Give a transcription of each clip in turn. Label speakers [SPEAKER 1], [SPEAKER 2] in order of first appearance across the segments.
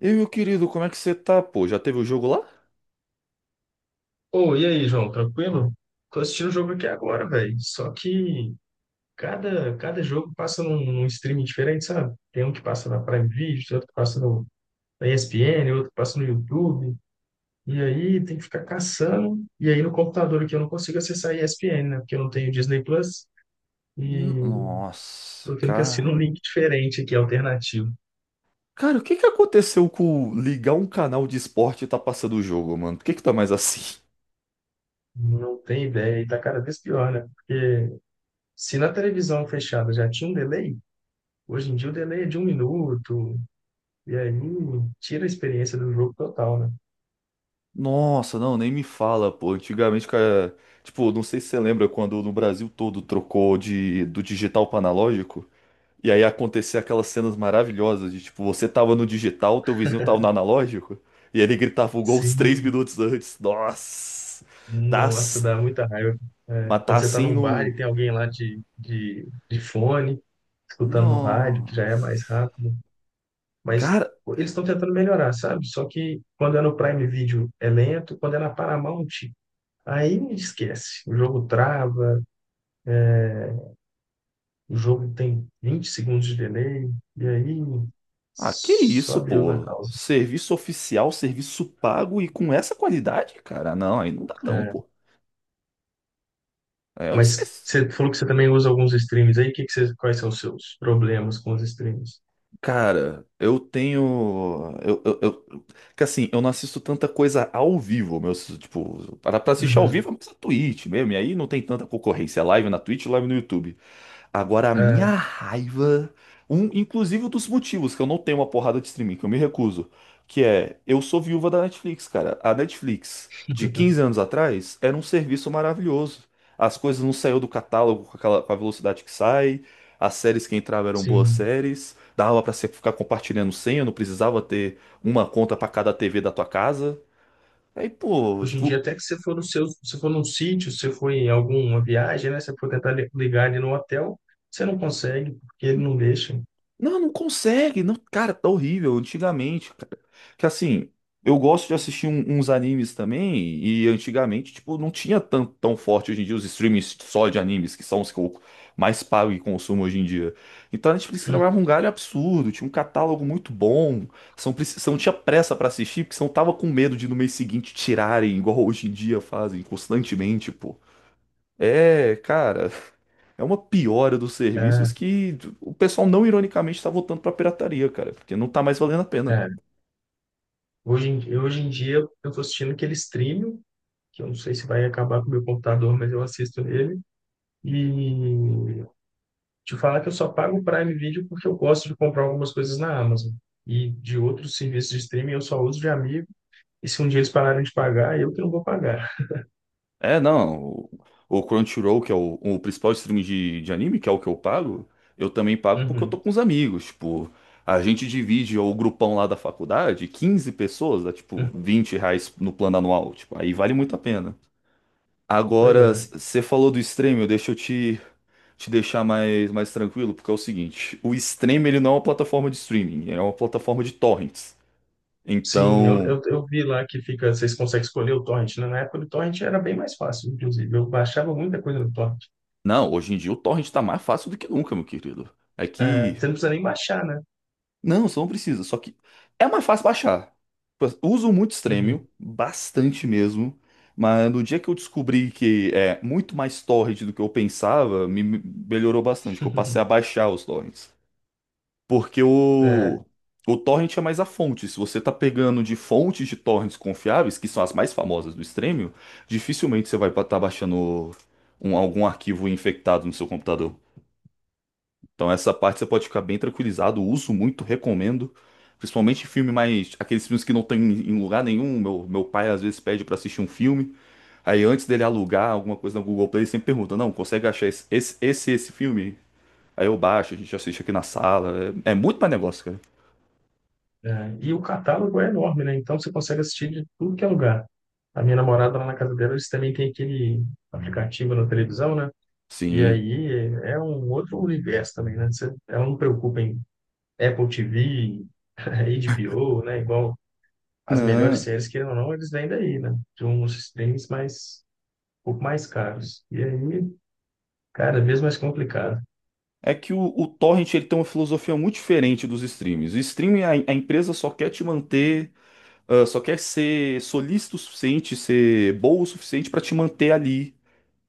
[SPEAKER 1] E meu querido, como é que você tá, pô? Já teve o jogo lá?
[SPEAKER 2] Ô, e aí, João, tranquilo? Tô assistindo o jogo aqui agora, velho. Só que cada jogo passa num streaming diferente, sabe? Tem um que passa na Prime Video, tem outro que passa no, na ESPN, outro que passa no YouTube. E aí tem que ficar caçando. E aí no computador aqui eu não consigo acessar a ESPN, né? Porque eu não tenho Disney Plus. E
[SPEAKER 1] Nossa,
[SPEAKER 2] tô tendo que assinar um
[SPEAKER 1] cara.
[SPEAKER 2] link diferente aqui, alternativo.
[SPEAKER 1] Cara, o que que aconteceu com ligar um canal de esporte e tá passando o jogo, mano? Por que que tá mais assim?
[SPEAKER 2] Não tem ideia. E tá cada vez pior, né? Porque se na televisão fechada já tinha um delay, hoje em dia o delay é de 1 minuto. E aí tira a experiência do jogo total, né?
[SPEAKER 1] Nossa, não, nem me fala, pô. Antigamente, cara, tipo, não sei se você lembra quando no Brasil todo trocou de do digital para analógico, e aí acontecia aquelas cenas maravilhosas de tipo, você tava no digital, teu vizinho tava no analógico, e ele gritava o gol uns três
[SPEAKER 2] Sim,
[SPEAKER 1] minutos antes. Nossa. Tá,
[SPEAKER 2] nossa,
[SPEAKER 1] s-
[SPEAKER 2] dá muita raiva. É,
[SPEAKER 1] mas tá
[SPEAKER 2] quando você tá
[SPEAKER 1] assim
[SPEAKER 2] num bar e
[SPEAKER 1] no...
[SPEAKER 2] tem alguém lá de fone, escutando no rádio, que já é mais
[SPEAKER 1] Nossa.
[SPEAKER 2] rápido. Mas
[SPEAKER 1] Cara,
[SPEAKER 2] eles estão tentando melhorar, sabe? Só que quando é no Prime Video é lento, quando é na Paramount, aí esquece. O jogo trava, o jogo tem 20 segundos de delay, e aí
[SPEAKER 1] ah, que isso,
[SPEAKER 2] só Deus na
[SPEAKER 1] pô?
[SPEAKER 2] causa.
[SPEAKER 1] Serviço oficial, serviço pago e com essa qualidade, cara? Não, aí não dá não, pô. Aí eu
[SPEAKER 2] Mas
[SPEAKER 1] disse,
[SPEAKER 2] você falou que você também usa alguns streams aí. Que você, quais são os seus problemas com os streams?
[SPEAKER 1] cara, eu tenho, que assim, eu não assisto tanta coisa ao vivo, meu, tipo, para pra assistir ao
[SPEAKER 2] Uhum.
[SPEAKER 1] vivo é mais a Twitch mesmo, e aí não tem tanta concorrência, é live na Twitch, live no YouTube. Agora, a minha
[SPEAKER 2] É,
[SPEAKER 1] raiva, inclusive um dos motivos que eu não tenho uma porrada de streaming, que eu me recuso, que é, eu sou viúva da Netflix, cara. A Netflix, de 15 anos atrás, era um serviço maravilhoso. As coisas não saíam do catálogo com aquela, com a velocidade que sai, as séries que entravam eram boas
[SPEAKER 2] sim.
[SPEAKER 1] séries, dava pra você ficar compartilhando senha, não precisava ter uma conta pra cada TV da tua casa. Aí, pô,
[SPEAKER 2] Hoje em dia,
[SPEAKER 1] o-
[SPEAKER 2] até que você for no seu, se for num sítio, se for em alguma viagem, né? Você for tentar li- ligar ele no hotel, você não consegue, porque ele não deixa.
[SPEAKER 1] Não, não consegue. Não, cara, tá horrível. Antigamente, cara. Que assim, eu gosto de assistir uns animes também. E antigamente, tipo, não tinha tão, tão forte hoje em dia os streams só de animes, que são os que eu mais pago e consumo hoje em dia. Então a Netflix trabalhava
[SPEAKER 2] Uhum.
[SPEAKER 1] um galho absurdo. Tinha um catálogo muito bom. São tinha pressa pra assistir, porque senão tava com medo de no mês seguinte tirarem, igual hoje em dia fazem constantemente, pô. É, cara, é uma piora dos
[SPEAKER 2] É,
[SPEAKER 1] serviços que o pessoal não ironicamente tá voltando pra pirataria, cara, porque não tá mais valendo a pena.
[SPEAKER 2] é. Hoje em, hoje em dia, eu estou assistindo aquele stream, que eu não sei se vai acabar com o meu computador, mas eu assisto ele. E te falar que eu só pago o Prime Video porque eu gosto de comprar algumas coisas na Amazon. E de outros serviços de streaming eu só uso de amigo. E se um dia eles pararem de pagar, eu que não vou pagar.
[SPEAKER 1] É, não, o Crunchyroll, que é o principal streaming de anime, que é o que eu pago, eu também pago porque eu
[SPEAKER 2] Uhum,
[SPEAKER 1] tô com os amigos, tipo, a gente divide o grupão lá da faculdade, 15 pessoas, dá tipo
[SPEAKER 2] uhum.
[SPEAKER 1] R$ 20 no plano anual, tipo, aí vale muito a pena.
[SPEAKER 2] Pois
[SPEAKER 1] Agora,
[SPEAKER 2] é.
[SPEAKER 1] você falou do streaming, deixa eu te deixar mais tranquilo, porque é o seguinte, o Stream ele não é uma plataforma de streaming, é uma plataforma de torrents.
[SPEAKER 2] Sim, eu,
[SPEAKER 1] Então,
[SPEAKER 2] eu, eu vi lá que fica, vocês conseguem escolher o torrent, né? Na época do torrent era bem mais fácil, inclusive. Eu baixava muita coisa no torrent.
[SPEAKER 1] não, hoje em dia o torrent tá mais fácil do que nunca, meu querido. É
[SPEAKER 2] É,
[SPEAKER 1] que,
[SPEAKER 2] você não precisa nem baixar, né?
[SPEAKER 1] não, você não precisa, só que é mais fácil baixar. Tipo, uso muito
[SPEAKER 2] Uhum.
[SPEAKER 1] Stremio, bastante mesmo, mas no dia que eu descobri que é muito mais torrent do que eu pensava, me melhorou bastante, que eu passei a baixar os torrents. Porque
[SPEAKER 2] É,
[SPEAKER 1] o torrent é mais a fonte. Se você tá pegando de fontes de torrents confiáveis, que são as mais famosas do Stremio, dificilmente você vai estar baixando algum arquivo infectado no seu computador. Então essa parte você pode ficar bem tranquilizado. Uso muito, recomendo. Principalmente filme mais... Aqueles filmes que não tem em lugar nenhum. Meu pai às vezes pede pra assistir um filme. Aí antes dele alugar alguma coisa no Google Play, ele sempre pergunta, não, consegue achar esse filme? Aí eu baixo, a gente assiste aqui na sala. É, é muito mais negócio, cara.
[SPEAKER 2] é. E o catálogo é enorme, né? Então você consegue assistir de tudo que é lugar. A minha namorada lá na casa dela, eles também têm aquele aplicativo na televisão, né? E
[SPEAKER 1] Sim.
[SPEAKER 2] aí é um outro universo também, né? Você, ela não preocupa em Apple TV, HBO, né? Igual as melhores
[SPEAKER 1] Não.
[SPEAKER 2] séries, que ou não, eles vêm daí, né? De uns streams mais, um pouco mais caros. E aí, cada vez mais complicado.
[SPEAKER 1] É que o torrent ele tem uma filosofia muito diferente dos streams. O streaming, a empresa só quer te manter, ah, só quer ser solícito o suficiente, ser boa o suficiente para te manter ali,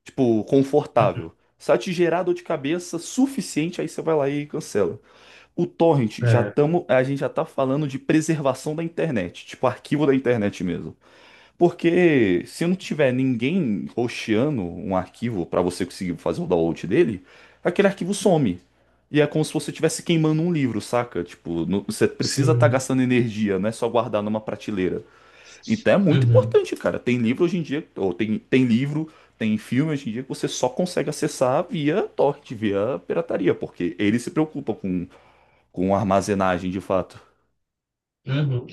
[SPEAKER 1] tipo, confortável. Se ela te gerar dor de cabeça suficiente, aí você vai lá e cancela. O torrent, já
[SPEAKER 2] É,
[SPEAKER 1] tamo, a gente já tá falando de preservação da internet, tipo arquivo da internet mesmo. Porque se não tiver ninguém hosteando um arquivo para você conseguir fazer o download dele, aquele arquivo some. E é como se você estivesse queimando um livro, saca? Tipo, você precisa estar
[SPEAKER 2] sim.
[SPEAKER 1] gastando energia, não é só guardar numa prateleira. Então é muito
[SPEAKER 2] Uhum,
[SPEAKER 1] importante, cara. Tem livro hoje em dia, ou tem livro, tem filme hoje em dia que você só consegue acessar via torrent, via pirataria, porque eles se preocupam com armazenagem de fato.
[SPEAKER 2] uhum.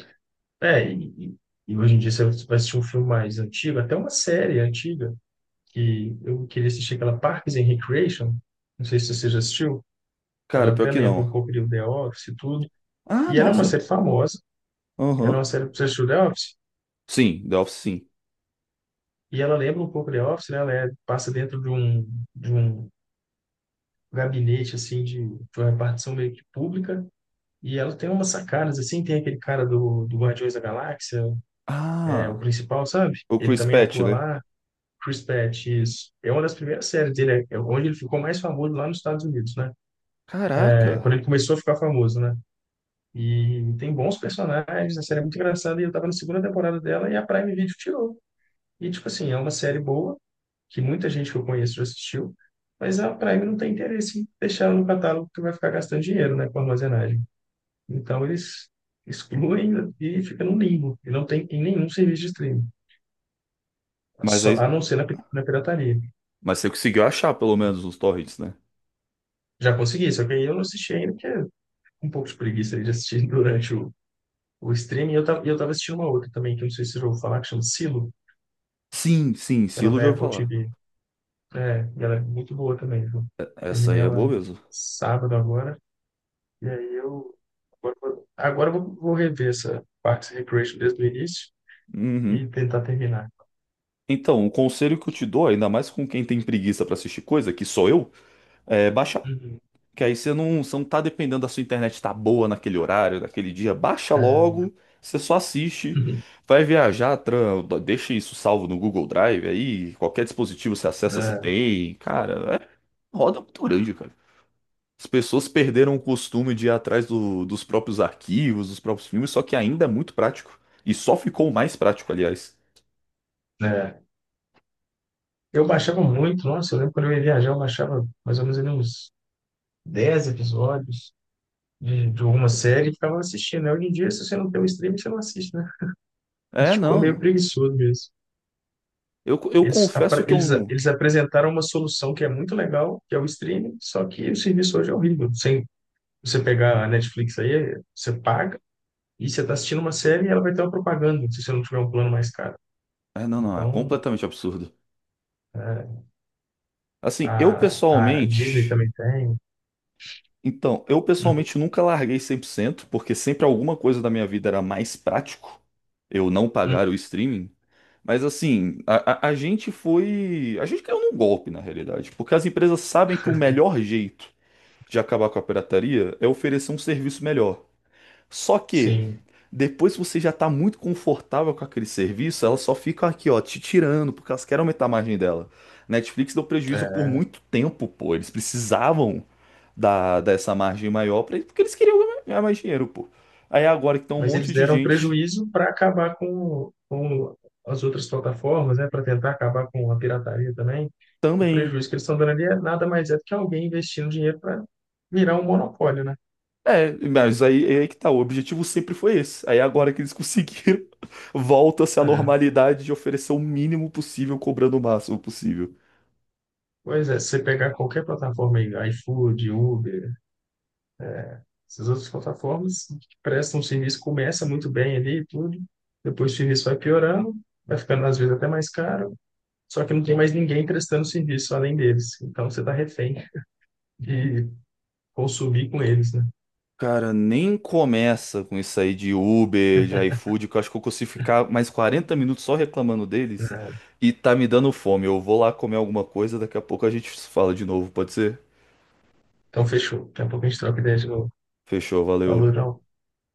[SPEAKER 2] É, e hoje em dia você vai assistir um filme mais antigo, até uma série antiga, que eu queria assistir aquela Parks and Recreation, não sei se você já assistiu,
[SPEAKER 1] Cara,
[SPEAKER 2] ela
[SPEAKER 1] pior
[SPEAKER 2] até
[SPEAKER 1] que
[SPEAKER 2] lembra
[SPEAKER 1] não.
[SPEAKER 2] um pouco de The Office e tudo.
[SPEAKER 1] Ah,
[SPEAKER 2] E ela é uma
[SPEAKER 1] nossa.
[SPEAKER 2] série famosa, ela é
[SPEAKER 1] Aham.
[SPEAKER 2] uma série que você assistiu The Office,
[SPEAKER 1] Sim, The Office sim.
[SPEAKER 2] e ela lembra um pouco The Office, né? Passa dentro de um gabinete, assim, de uma repartição meio que pública, e ela tem umas sacadas, assim, tem aquele cara do, do Guardiões da Galáxia, é o
[SPEAKER 1] Ah,
[SPEAKER 2] principal, sabe?
[SPEAKER 1] o
[SPEAKER 2] Ele
[SPEAKER 1] Chris
[SPEAKER 2] também
[SPEAKER 1] Patch,
[SPEAKER 2] atua
[SPEAKER 1] né?
[SPEAKER 2] lá, Chris Pratt, isso. É uma das primeiras séries dele, é é onde ele ficou mais famoso lá nos Estados Unidos, né? É,
[SPEAKER 1] Caraca.
[SPEAKER 2] quando ele começou a ficar famoso, né? E tem bons personagens, a série é muito engraçada, e eu tava na segunda temporada dela e a Prime Video tirou. E, tipo assim, é uma série boa, que muita gente que eu conheço já assistiu, mas a Prime não tem interesse em deixar ela no catálogo porque vai ficar gastando dinheiro, né, com armazenagem. Então eles excluem e fica no limbo, e não tem em nenhum serviço de streaming,
[SPEAKER 1] Mas
[SPEAKER 2] só, a
[SPEAKER 1] aí,
[SPEAKER 2] não ser na, na pirataria.
[SPEAKER 1] mas você conseguiu achar pelo menos os torrents, né?
[SPEAKER 2] Já consegui, só que aí eu não assisti ainda, porque é um pouco de preguiça aí de assistir durante o streaming. E eu tava assistindo uma outra também, que eu não sei se eu vou falar, que chama Silo,
[SPEAKER 1] Sim, sim,
[SPEAKER 2] que ela é
[SPEAKER 1] Silo já
[SPEAKER 2] da
[SPEAKER 1] ouvi
[SPEAKER 2] Apple
[SPEAKER 1] falar.
[SPEAKER 2] TV. É, e ela é muito boa também, viu?
[SPEAKER 1] Essa
[SPEAKER 2] Terminei
[SPEAKER 1] aí é boa
[SPEAKER 2] ela
[SPEAKER 1] mesmo.
[SPEAKER 2] sábado agora. E aí eu agora, agora eu vou rever essa Parks and Recreation desde o início e
[SPEAKER 1] Uhum.
[SPEAKER 2] tentar terminar.
[SPEAKER 1] Então, o conselho que eu te dou, ainda mais com quem tem preguiça pra assistir coisa, que sou eu, é baixar.
[SPEAKER 2] Uhum.
[SPEAKER 1] Que aí você não tá dependendo da sua internet tá boa naquele horário, naquele dia. Baixa
[SPEAKER 2] É,
[SPEAKER 1] logo, você só assiste. Vai viajar, tran, deixa isso salvo no Google Drive aí, qualquer dispositivo você acessa, você tem. Cara, é roda muito grande, cara. As pessoas perderam o costume de ir atrás dos próprios arquivos, dos próprios filmes, só que ainda é muito prático. E só ficou mais prático, aliás.
[SPEAKER 2] é. É. Eu baixava muito, nossa, eu lembro quando eu ia viajar, eu baixava mais ou menos ali uns 10 episódios de uma série e ficava assistindo, né? Hoje em dia, se você não tem um streaming, você não assiste, né? A
[SPEAKER 1] É,
[SPEAKER 2] gente ficou
[SPEAKER 1] não,
[SPEAKER 2] meio
[SPEAKER 1] não.
[SPEAKER 2] preguiçoso mesmo.
[SPEAKER 1] Eu
[SPEAKER 2] Eles,
[SPEAKER 1] confesso que eu
[SPEAKER 2] eles,
[SPEAKER 1] não.
[SPEAKER 2] eles apresentaram uma solução que é muito legal, que é o streaming, só que o serviço hoje é horrível. Sem você pegar a Netflix aí, você paga, e você está assistindo uma série e ela vai ter uma propaganda, se você não tiver um plano mais caro.
[SPEAKER 1] É, não, não, é
[SPEAKER 2] Então,
[SPEAKER 1] completamente absurdo.
[SPEAKER 2] é,
[SPEAKER 1] Assim, eu
[SPEAKER 2] a, a Disney
[SPEAKER 1] pessoalmente.
[SPEAKER 2] também tem.
[SPEAKER 1] Então, eu
[SPEAKER 2] Uhum,
[SPEAKER 1] pessoalmente nunca larguei 100%, porque sempre alguma coisa da minha vida era mais prático eu não pagar o
[SPEAKER 2] uhum,
[SPEAKER 1] streaming. Mas assim, a gente foi. A gente caiu num golpe, na realidade, porque as empresas sabem que o melhor jeito de acabar com a pirataria é oferecer um serviço melhor. Só que,
[SPEAKER 2] sim.
[SPEAKER 1] depois que você já está muito confortável com aquele serviço, ela só fica aqui, ó, te tirando, porque elas querem aumentar a margem dela. Netflix deu prejuízo por
[SPEAKER 2] É.
[SPEAKER 1] muito tempo, pô. Eles precisavam dessa margem maior, pra, porque eles queriam ganhar mais dinheiro, pô. Aí agora que tem um
[SPEAKER 2] Mas eles
[SPEAKER 1] monte de
[SPEAKER 2] deram
[SPEAKER 1] gente
[SPEAKER 2] prejuízo para acabar com as outras plataformas, né? Para tentar acabar com a pirataria também. O
[SPEAKER 1] também.
[SPEAKER 2] prejuízo que eles estão dando ali é nada mais é do que alguém investindo dinheiro para virar um monopólio, né?
[SPEAKER 1] É, mas aí, é aí que tá, o objetivo sempre foi esse. Aí agora que eles conseguiram, volta-se à
[SPEAKER 2] É,
[SPEAKER 1] normalidade de oferecer o mínimo possível, cobrando o máximo possível.
[SPEAKER 2] pois é, se você pegar qualquer plataforma aí, iFood, Uber, essas outras plataformas que prestam um serviço, começa muito bem ali e tudo, depois o serviço vai piorando, vai ficando às vezes até mais caro, só que não tem mais ninguém prestando serviço além deles. Então você está refém de consumir com eles, né?
[SPEAKER 1] Cara, nem começa com isso aí de Uber, de iFood, que eu acho que eu consigo ficar mais 40 minutos só reclamando deles
[SPEAKER 2] É,
[SPEAKER 1] e tá me dando fome. Eu vou lá comer alguma coisa, daqui a pouco a gente se fala de novo, pode ser?
[SPEAKER 2] então fechou. Daqui a pouco a gente troca ideia de novo.
[SPEAKER 1] Fechou, valeu.
[SPEAKER 2] Valeu, João.